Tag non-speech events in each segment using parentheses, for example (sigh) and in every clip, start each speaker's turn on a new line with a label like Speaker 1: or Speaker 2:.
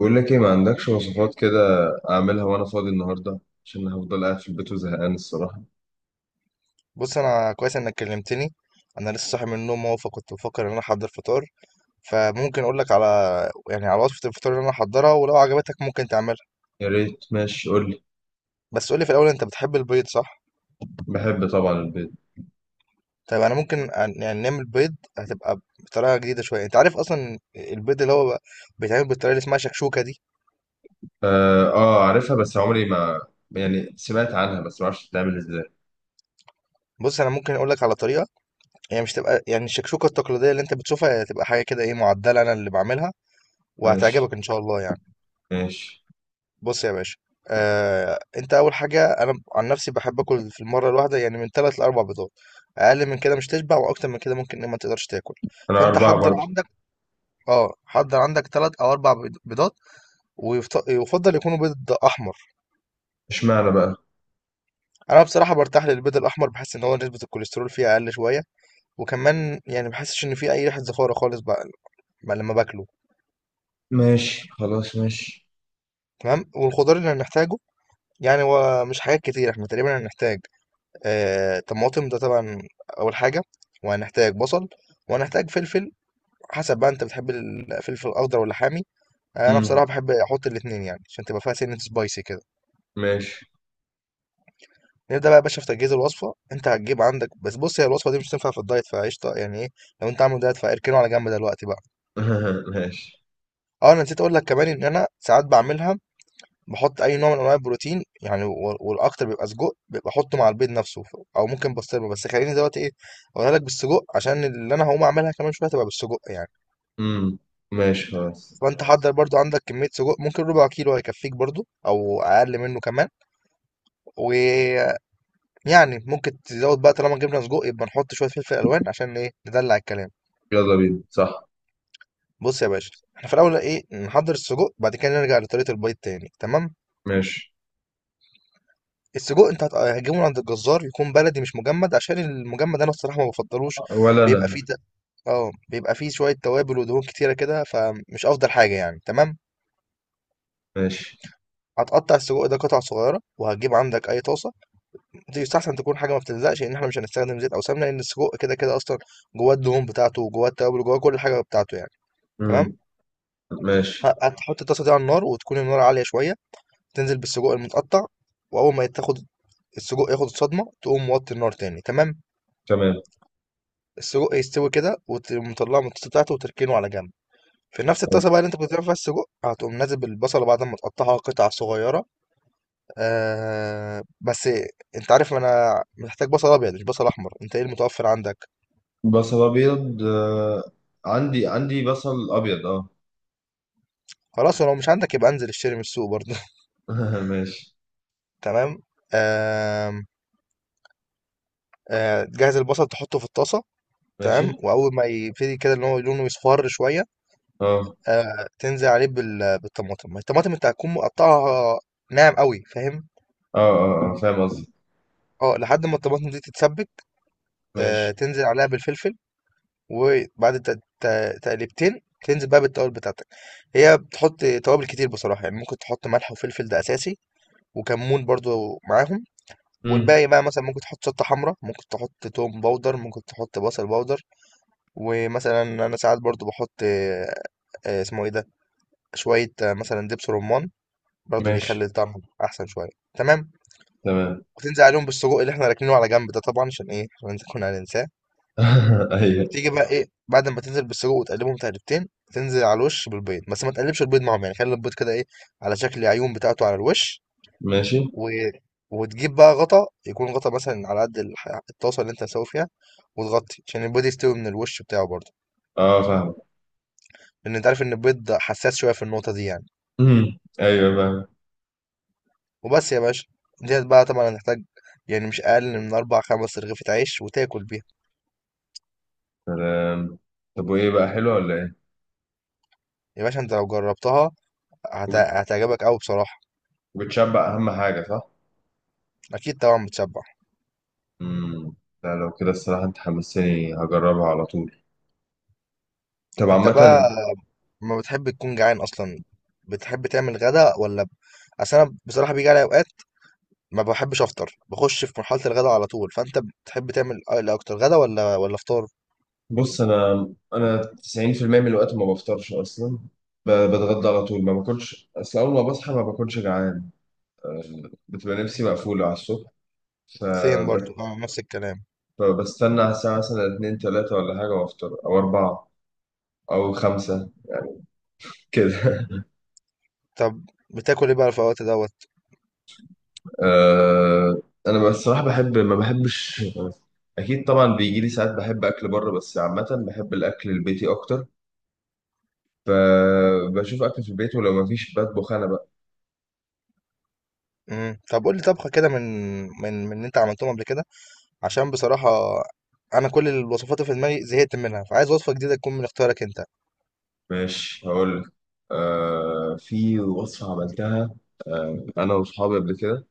Speaker 1: بقول لك ايه، ما عندكش وصفات كده؟ اعملها وانا فاضي النهارده عشان هفضل قاعد في البيت وزهقان الصراحه.
Speaker 2: بص، انا كويس انك كلمتني. انا لسه صاحي من النوم اهو، فكنت بفكر ان انا احضر فطار. فممكن اقول لك على، يعني على وصفة الفطار اللي انا احضرها، ولو عجبتك ممكن تعملها.
Speaker 1: يا ريت. ماشي، قول لي.
Speaker 2: بس قول لي في الاول، انت بتحب البيض؟ صح؟
Speaker 1: بحب طبعا البيض.
Speaker 2: طيب انا ممكن يعني نعمل بيض، هتبقى بطريقه جديده شويه. انت عارف اصلا البيض اللي هو بيتعمل بالطريقه اللي اسمها شكشوكه دي.
Speaker 1: اه، آه، عارفها. بس عمري ما، يعني، سمعت عنها، بس ما اعرفش بتتعمل ازاي.
Speaker 2: بص انا ممكن اقول لك على طريقه هي مش تبقى يعني الشكشوكه التقليديه اللي انت بتشوفها، هي تبقى حاجه كده ايه معدله، انا اللي بعملها
Speaker 1: ماشي.
Speaker 2: وهتعجبك ان شاء الله يعني.
Speaker 1: ماشي.
Speaker 2: بص يا باشا، انت اول حاجه انا عن نفسي بحب اكل في المره الواحده يعني من ثلاث لاربع بيضات. اقل من كده مش تشبع، واكتر من كده ممكن إن ما تقدرش تاكل.
Speaker 1: انا
Speaker 2: فانت
Speaker 1: اربعه
Speaker 2: حضر
Speaker 1: برضه.
Speaker 2: عندك اه حضر عندك ثلاث او اربع بيضات، ويفضل يكونوا بيض احمر.
Speaker 1: اشمعنى بقى؟
Speaker 2: انا بصراحه برتاح للبيض الاحمر، بحس ان هو نسبه الكوليسترول فيه اقل شويه، وكمان يعني بحسش ان فيه اي ريحه زفاره خالص بقى. بقى لما باكله،
Speaker 1: ماشي، خلاص، ماشي.
Speaker 2: تمام. والخضار اللي هنحتاجه يعني هو مش حاجات كتير، احنا تقريبا هنحتاج طماطم ده طبعا اول حاجه، وهنحتاج بصل، وهنحتاج فلفل. حسب بقى انت بتحب الفلفل الاخضر ولا حامي؟ انا بصراحه
Speaker 1: امم.
Speaker 2: بحب احط الاثنين يعني عشان تبقى فيها سنه سبايسي كده.
Speaker 1: ماشي.
Speaker 2: نبدا بقى يا باشا في تجهيز الوصفه. انت هتجيب عندك، بس بص، هي الوصفه دي مش هتنفع في الدايت فقشطه يعني ايه، لو انت عامل دايت فاركنه على جنب دلوقتي بقى.
Speaker 1: (laughs) ماشي.
Speaker 2: اه انا نسيت اقول لك كمان ان انا ساعات بعملها باحط أي نوع من أنواع البروتين يعني والأكتر بيبقى سجق، بابقى أحطه مع البيض نفسه، أو ممكن بسطرمة، بس خلّيني دلوقتي إيه أقولها لك بالسجق عشان اللي أنا هاقوم أعملها كمان شوية هتبقى بالسجق يعني.
Speaker 1: امم. ماشي، خلاص.
Speaker 2: فأنت خلاص، حضّر برضه عندك كمية سجق، ممكن ربع كيلو هيكفيك برضه أو أقل منه كمان. ويعني ممكن تزوّد بقى، طالما جبنا سجق يبقى نحط شوية فلفل ألوان عشان إيه ندلّع الكلام.
Speaker 1: يلا بينا، صح؟
Speaker 2: بُص يا باشا، إحنا في الأول إيه نحضّر السجق، بعد كده نرجع لطريقة البيض تاني، تمام؟
Speaker 1: ماشي.
Speaker 2: السجق أنت هتجيبه من عند الجزار، يكون بلدي مش مجمد، عشان المجمد أنا الصراحة ما بفضلوش،
Speaker 1: ولا
Speaker 2: بيبقى
Speaker 1: انا.
Speaker 2: فيه ت- اه بيبقى فيه شوية توابل ودهون كتيرة كده، فمش أفضل حاجة يعني. تمام،
Speaker 1: ماشي.
Speaker 2: هتقطع السجق ده قطع صغيرة، وهتجيب عندك أي طاسة. دي يستحسن تكون حاجة ما بتلزقش، لأن احنا مش هنستخدم زيت أو سمنة، لأن السجق كده كده أصلا جواه الدهون بتاعته، وجواه التوابل، وجواه كل حاجة بتاعته يعني.
Speaker 1: امم.
Speaker 2: تمام.
Speaker 1: ماشي.
Speaker 2: هتحط الطاسة دي على النار، وتكون النار عالية شوية، تنزل بالسجق المتقطع. وأول ما تاخد السجق، ياخد الصدمة تقوم موطي النار تاني. تمام.
Speaker 1: تمام.
Speaker 2: السجق يستوي كده، وتقوم مطلعه من الطاسه بتاعته وتركنه على جنب. في نفس الطاسه بقى اللي انت كنت بتعمل فيها السجق، هتقوم نازل بالبصله بعد ما تقطعها قطع صغيره. بس انت عارف انا محتاج بصل ابيض مش بصل احمر، انت ايه المتوفر عندك؟
Speaker 1: بصل ابيض، عندي بصل ابيض، اه.
Speaker 2: خلاص، ولو مش عندك يبقى انزل اشتري من السوق برضه (laughs)
Speaker 1: (laughs) ماشي.
Speaker 2: تمام. آه جهز البصل تحطه في الطاسه.
Speaker 1: ماشي.
Speaker 2: تمام، واول ما يبتدي كده ان هو لونه يصفر شويه،
Speaker 1: اه،
Speaker 2: تنزل عليه بالطماطم. الطماطم انت هتكون مقطعها ناعم قوي، فاهم؟
Speaker 1: اه، اه، آه. فاهم قصدي.
Speaker 2: اه، لحد ما الطماطم دي تتسبك،
Speaker 1: ماشي.
Speaker 2: تنزل عليها بالفلفل، وبعد تقليبتين تنزل بقى بالتوابل بتاعتك. هي بتحط توابل كتير بصراحة، يعني ممكن تحط ملح وفلفل، ده أساسي، وكمون برضو معاهم.
Speaker 1: امم.
Speaker 2: والباقي بقى مثلا ممكن تحط شطة حمراء، ممكن تحط توم باودر، ممكن تحط بصل باودر. ومثلا أنا ساعات برضو بحط اسمه إيه ده، شوية مثلا دبس رمان، برضو
Speaker 1: ماشي.
Speaker 2: بيخلي الطعم أحسن شوية. تمام.
Speaker 1: تمام.
Speaker 2: وتنزل عليهم بالسجق اللي احنا راكنينه على جنب ده، طبعا عشان ايه، عشان نكون هننساه.
Speaker 1: (laughs) ايوه.
Speaker 2: تيجي بقى ايه، بعد ما تنزل بالسجق وتقلبهم تقلبتين، تنزل على الوش بالبيض، بس ما تقلبش البيض معاهم، يعني خلي البيض كده ايه، على شكل عيون بتاعته على الوش.
Speaker 1: ماشي.
Speaker 2: و... وتجيب بقى غطا، يكون غطا مثلا على قد الطاسه اللي انت هتسوي فيها، وتغطي عشان البيض يستوي من الوش بتاعه برضه.
Speaker 1: اه، فاهم.
Speaker 2: لان انت عارف ان البيض حساس شويه في النقطه دي يعني.
Speaker 1: امم، ايوه، فاهم.
Speaker 2: وبس يا باشا. ديت بقى طبعا هتحتاج يعني مش اقل من اربع خمس رغيفة عيش وتاكل بيها.
Speaker 1: سلام. طب، وايه بقى، حلوه ولا ايه؟
Speaker 2: يا باشا انت لو جربتها
Speaker 1: وبت-
Speaker 2: هتعجبك قوي بصراحه.
Speaker 1: وبتشبع اهم حاجه، صح؟
Speaker 2: اكيد طبعا بتشبع.
Speaker 1: امم. لا، لو كده الصراحه انت حمسني، هجربها على طول. طب،
Speaker 2: انت بقى
Speaker 1: عامه.
Speaker 2: ما بتحب تكون جعان اصلا، بتحب تعمل غدا؟ اصل انا بصراحه بيجي علي اوقات ما بحبش افطر، بخش في مرحله الغدا على طول. فانت بتحب تعمل إيه اكتر، غدا ولا فطار؟
Speaker 1: بص، انا 90% من الوقت ما بفطرش اصلا. بتغدى على طول، ما باكلش، اصل اول ما بصحى ما باكلش جعان. أه، بتبقى نفسي مقفوله على الصبح.
Speaker 2: سيم برضو،
Speaker 1: فب-
Speaker 2: نفس الكلام.
Speaker 1: فبستنى على الساعه مثلا 2 3 ولا حاجه، وافطر، او 4 او 5 كده.
Speaker 2: طب بتاكل ايه بقى في الوقت دوت؟
Speaker 1: (laughs) أه، انا بصراحه بحب، ما بحبش. اكيد طبعا بيجي لي ساعات بحب اكل بره، بس عامه بحب الاكل البيتي اكتر. فبشوف اكل في البيت، ولو ما فيش بطبخ انا.
Speaker 2: طب قول لي طبخه كده من اللي انت عملتهم قبل كده، عشان بصراحه انا كل الوصفات اللي في دماغي زهقت منها، فعايز وصفه جديده تكون من اختيارك انت.
Speaker 1: ماشي، هقول لك. في وصفة عملتها أنا وأصحابي قبل كده.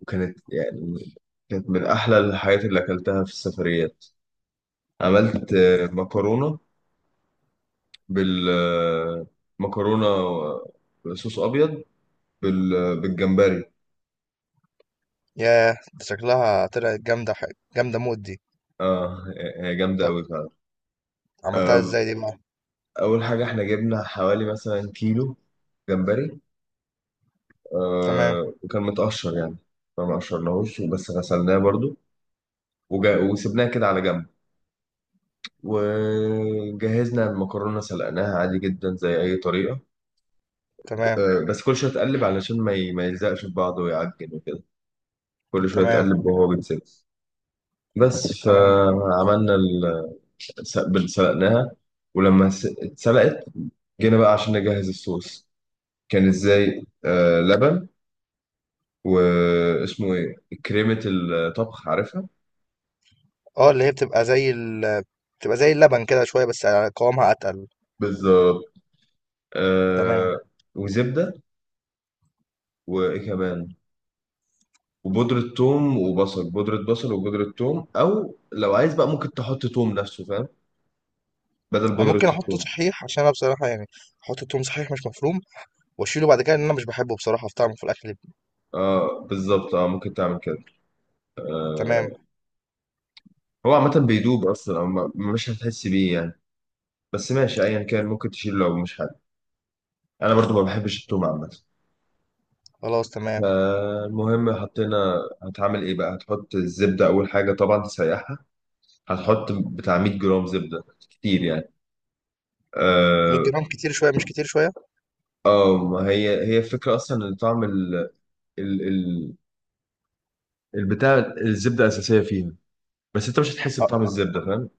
Speaker 1: وكانت يعني، كانت من أحلى الحاجات اللي أكلتها في السفريات. عملت مكرونة بال آه، مكرونة بصوص أبيض بال... بالجمبري.
Speaker 2: ياه، ده شكلها طلعت جامده، حاجه جامده موت دي.
Speaker 1: آه. هي جامدة
Speaker 2: طب
Speaker 1: أوي فعلا.
Speaker 2: عملتها
Speaker 1: آه.
Speaker 2: ازاي دي بقى؟
Speaker 1: أول حاجة، إحنا جبنا حوالي مثلا كيلو جمبري.
Speaker 2: تمام.
Speaker 1: وكان متقشر يعني. ما مقشرناهوش بس غسلناه برضو. وسبناه كده على جنب. وجهزنا المكرونة، سلقناها عادي جدا زي أي طريقة.
Speaker 2: تمام.
Speaker 1: بس كل شوية تقلب علشان ما يلزقش في بعضه ويعجن وكده. كل شوية
Speaker 2: تمام.
Speaker 1: تقلب وهو بيتسلق. بس
Speaker 2: تمام.
Speaker 1: فعملنا سلقناها. ولما اتسلقت، جينا بقى عشان نجهز الصوص. كان ازاي، لبن، واسمه ايه؟ كريمة الطبخ، عارفها؟
Speaker 2: اه، اللي هي بتبقى زي اللبن كده شويه بس قوامها اتقل.
Speaker 1: بالظبط.
Speaker 2: تمام.
Speaker 1: آه. وزبدة. وايه كمان؟ وبودرة ثوم وبصل، بودرة بصل وبودرة ثوم، أو لو عايز بقى ممكن تحط ثوم نفسه، فاهم؟ بدل
Speaker 2: انا
Speaker 1: بودرة
Speaker 2: ممكن احطه
Speaker 1: الثوم.
Speaker 2: صحيح، عشان انا بصراحه يعني احط التوم صحيح مش مفروم، واشيله بعد كده، لان انا مش بحبه بصراحه في طعمه في الاكل.
Speaker 1: اه، بالظبط، اه، ممكن تعمل كده. آه.
Speaker 2: تمام،
Speaker 1: هو عامة بيدوب أصلا، أو مش هتحس بيه يعني. بس ماشي، أيا كان، ممكن تشيل لو مش حابب. أنا برضو ما بحبش الثوم عامة.
Speaker 2: خلاص، تمام.
Speaker 1: فالمهم حطينا. هتعمل إيه بقى؟ هتحط الزبدة أول حاجة، طبعا تسيحها. هتحط بتاع 100 جرام زبدة، كتير يعني.
Speaker 2: 100
Speaker 1: اه.
Speaker 2: جرام كتير شويه، مش كتير شويه.
Speaker 1: ما هي الفكرة أصلا إن طعم ال- ال- البتاع الزبده اساسيه فيها، بس انت مش هتحس
Speaker 2: اه،
Speaker 1: بطعم الزبده، فاهم؟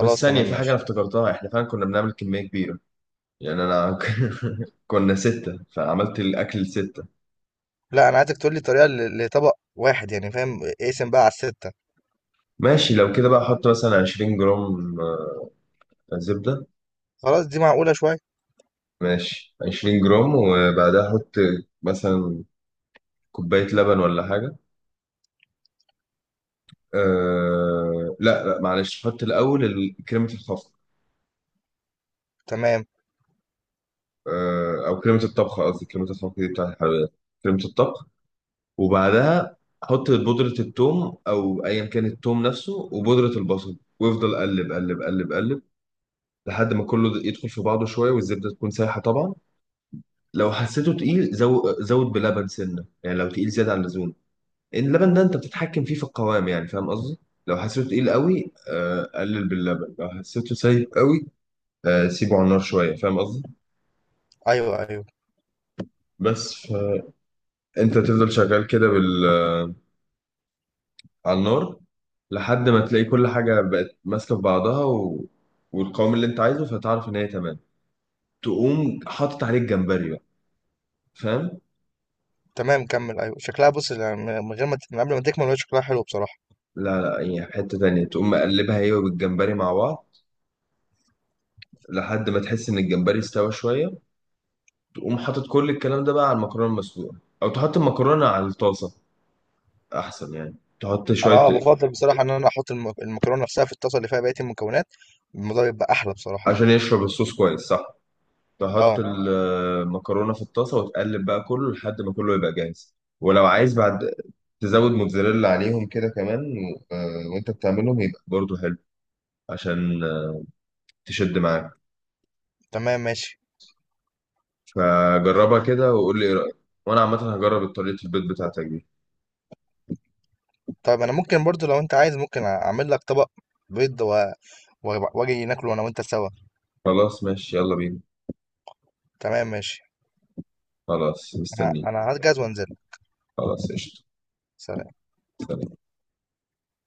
Speaker 1: بس ثانيه،
Speaker 2: تمام،
Speaker 1: في حاجه انا
Speaker 2: ماشي.
Speaker 1: افتكرتها. احنا فعلا كنا بنعمل كميه كبيره، يعني انا. (laughs) كنا سته، فعملت الاكل لسته.
Speaker 2: لا، انا عايزك تقول لي طريقه لطبق واحد يعني، فاهم؟ اقسم بقى على السته.
Speaker 1: ماشي، لو كده بقى احط مثلا 20 جرام زبده.
Speaker 2: خلاص، دي معقوله شويه.
Speaker 1: ماشي، 20 جرام، وبعدها احط مثلا كوبايه لبن ولا حاجه. أه، لا، لا، معلش، حط الاول كريمه الخفق.
Speaker 2: تمام.
Speaker 1: او كريمه الطبخ قصدي، كريمه الخفق دي بتاعت الحلويات، كريمه الطبخ. وبعدها حط بودرة التوم أو أيا كان التوم نفسه، وبودرة البصل، وافضل قلب قلب قلب قلب لحد ما كله يدخل في بعضه شوية، والزبدة تكون سايحة طبعا. لو حسيته تقيل، زود بلبن سنة يعني، لو تقيل زيادة عن اللزوم. إن اللبن ده أنت بتتحكم فيه في القوام، يعني فاهم قصدي؟ لو حسيته تقيل قوي، قلل باللبن. لو حسيته سايب قوي، سيبه على النار شوية، فاهم قصدي؟
Speaker 2: ايوه، ايوه.
Speaker 1: بس، فأنت تفضل شغال كده بال على النار، لحد ما تلاقي كل حاجة بقت ماسكة في بعضها، والقوام اللي انت عايزه، فتعرف ان هي تمام. تقوم حاطط عليه الجمبري بقى، فاهم؟
Speaker 2: تمام، كمل. ايوه شكلها، بص، من قبل ما تكمل، هو شكلها حلو بصراحه.
Speaker 1: لا، لا، هي في حتة تانية، تقوم مقلبها هي والجمبري مع بعض لحد ما تحس ان الجمبري استوى شوية. تقوم حاطط كل الكلام ده بقى على المكرونة المسلوقة، او تحط المكرونة على الطاسة احسن يعني، تحط
Speaker 2: انا
Speaker 1: شوية
Speaker 2: بفضل بصراحه ان انا احط المكرونه نفسها في الطاسه اللي فيها بقيه المكونات، الموضوع بيبقى احلى بصراحه.
Speaker 1: عشان يشرب الصوص كويس، صح؟ تحط
Speaker 2: اه.
Speaker 1: المكرونة في الطاسة وتقلب بقى كله لحد ما كله يبقى جاهز. ولو عايز بعد، تزود موتزاريلا عليهم كده كمان، وانت بتعملهم يبقى برضو حلو، عشان تشد معاك.
Speaker 2: تمام، ماشي.
Speaker 1: فجربها كده وقول لي ايه رأيك، وانا عامة هجرب طريقة البيض بتاعتك دي.
Speaker 2: طيب انا ممكن برضو لو انت عايز ممكن اعمل لك طبق بيض واجي ناكله انا وانت سوا.
Speaker 1: خلاص، ماشي، يلا بينا.
Speaker 2: تمام، ماشي.
Speaker 1: خلاص،
Speaker 2: انا
Speaker 1: مستنيك.
Speaker 2: انا هجهز وانزل.
Speaker 1: خلاص، قشطة.
Speaker 2: سلام.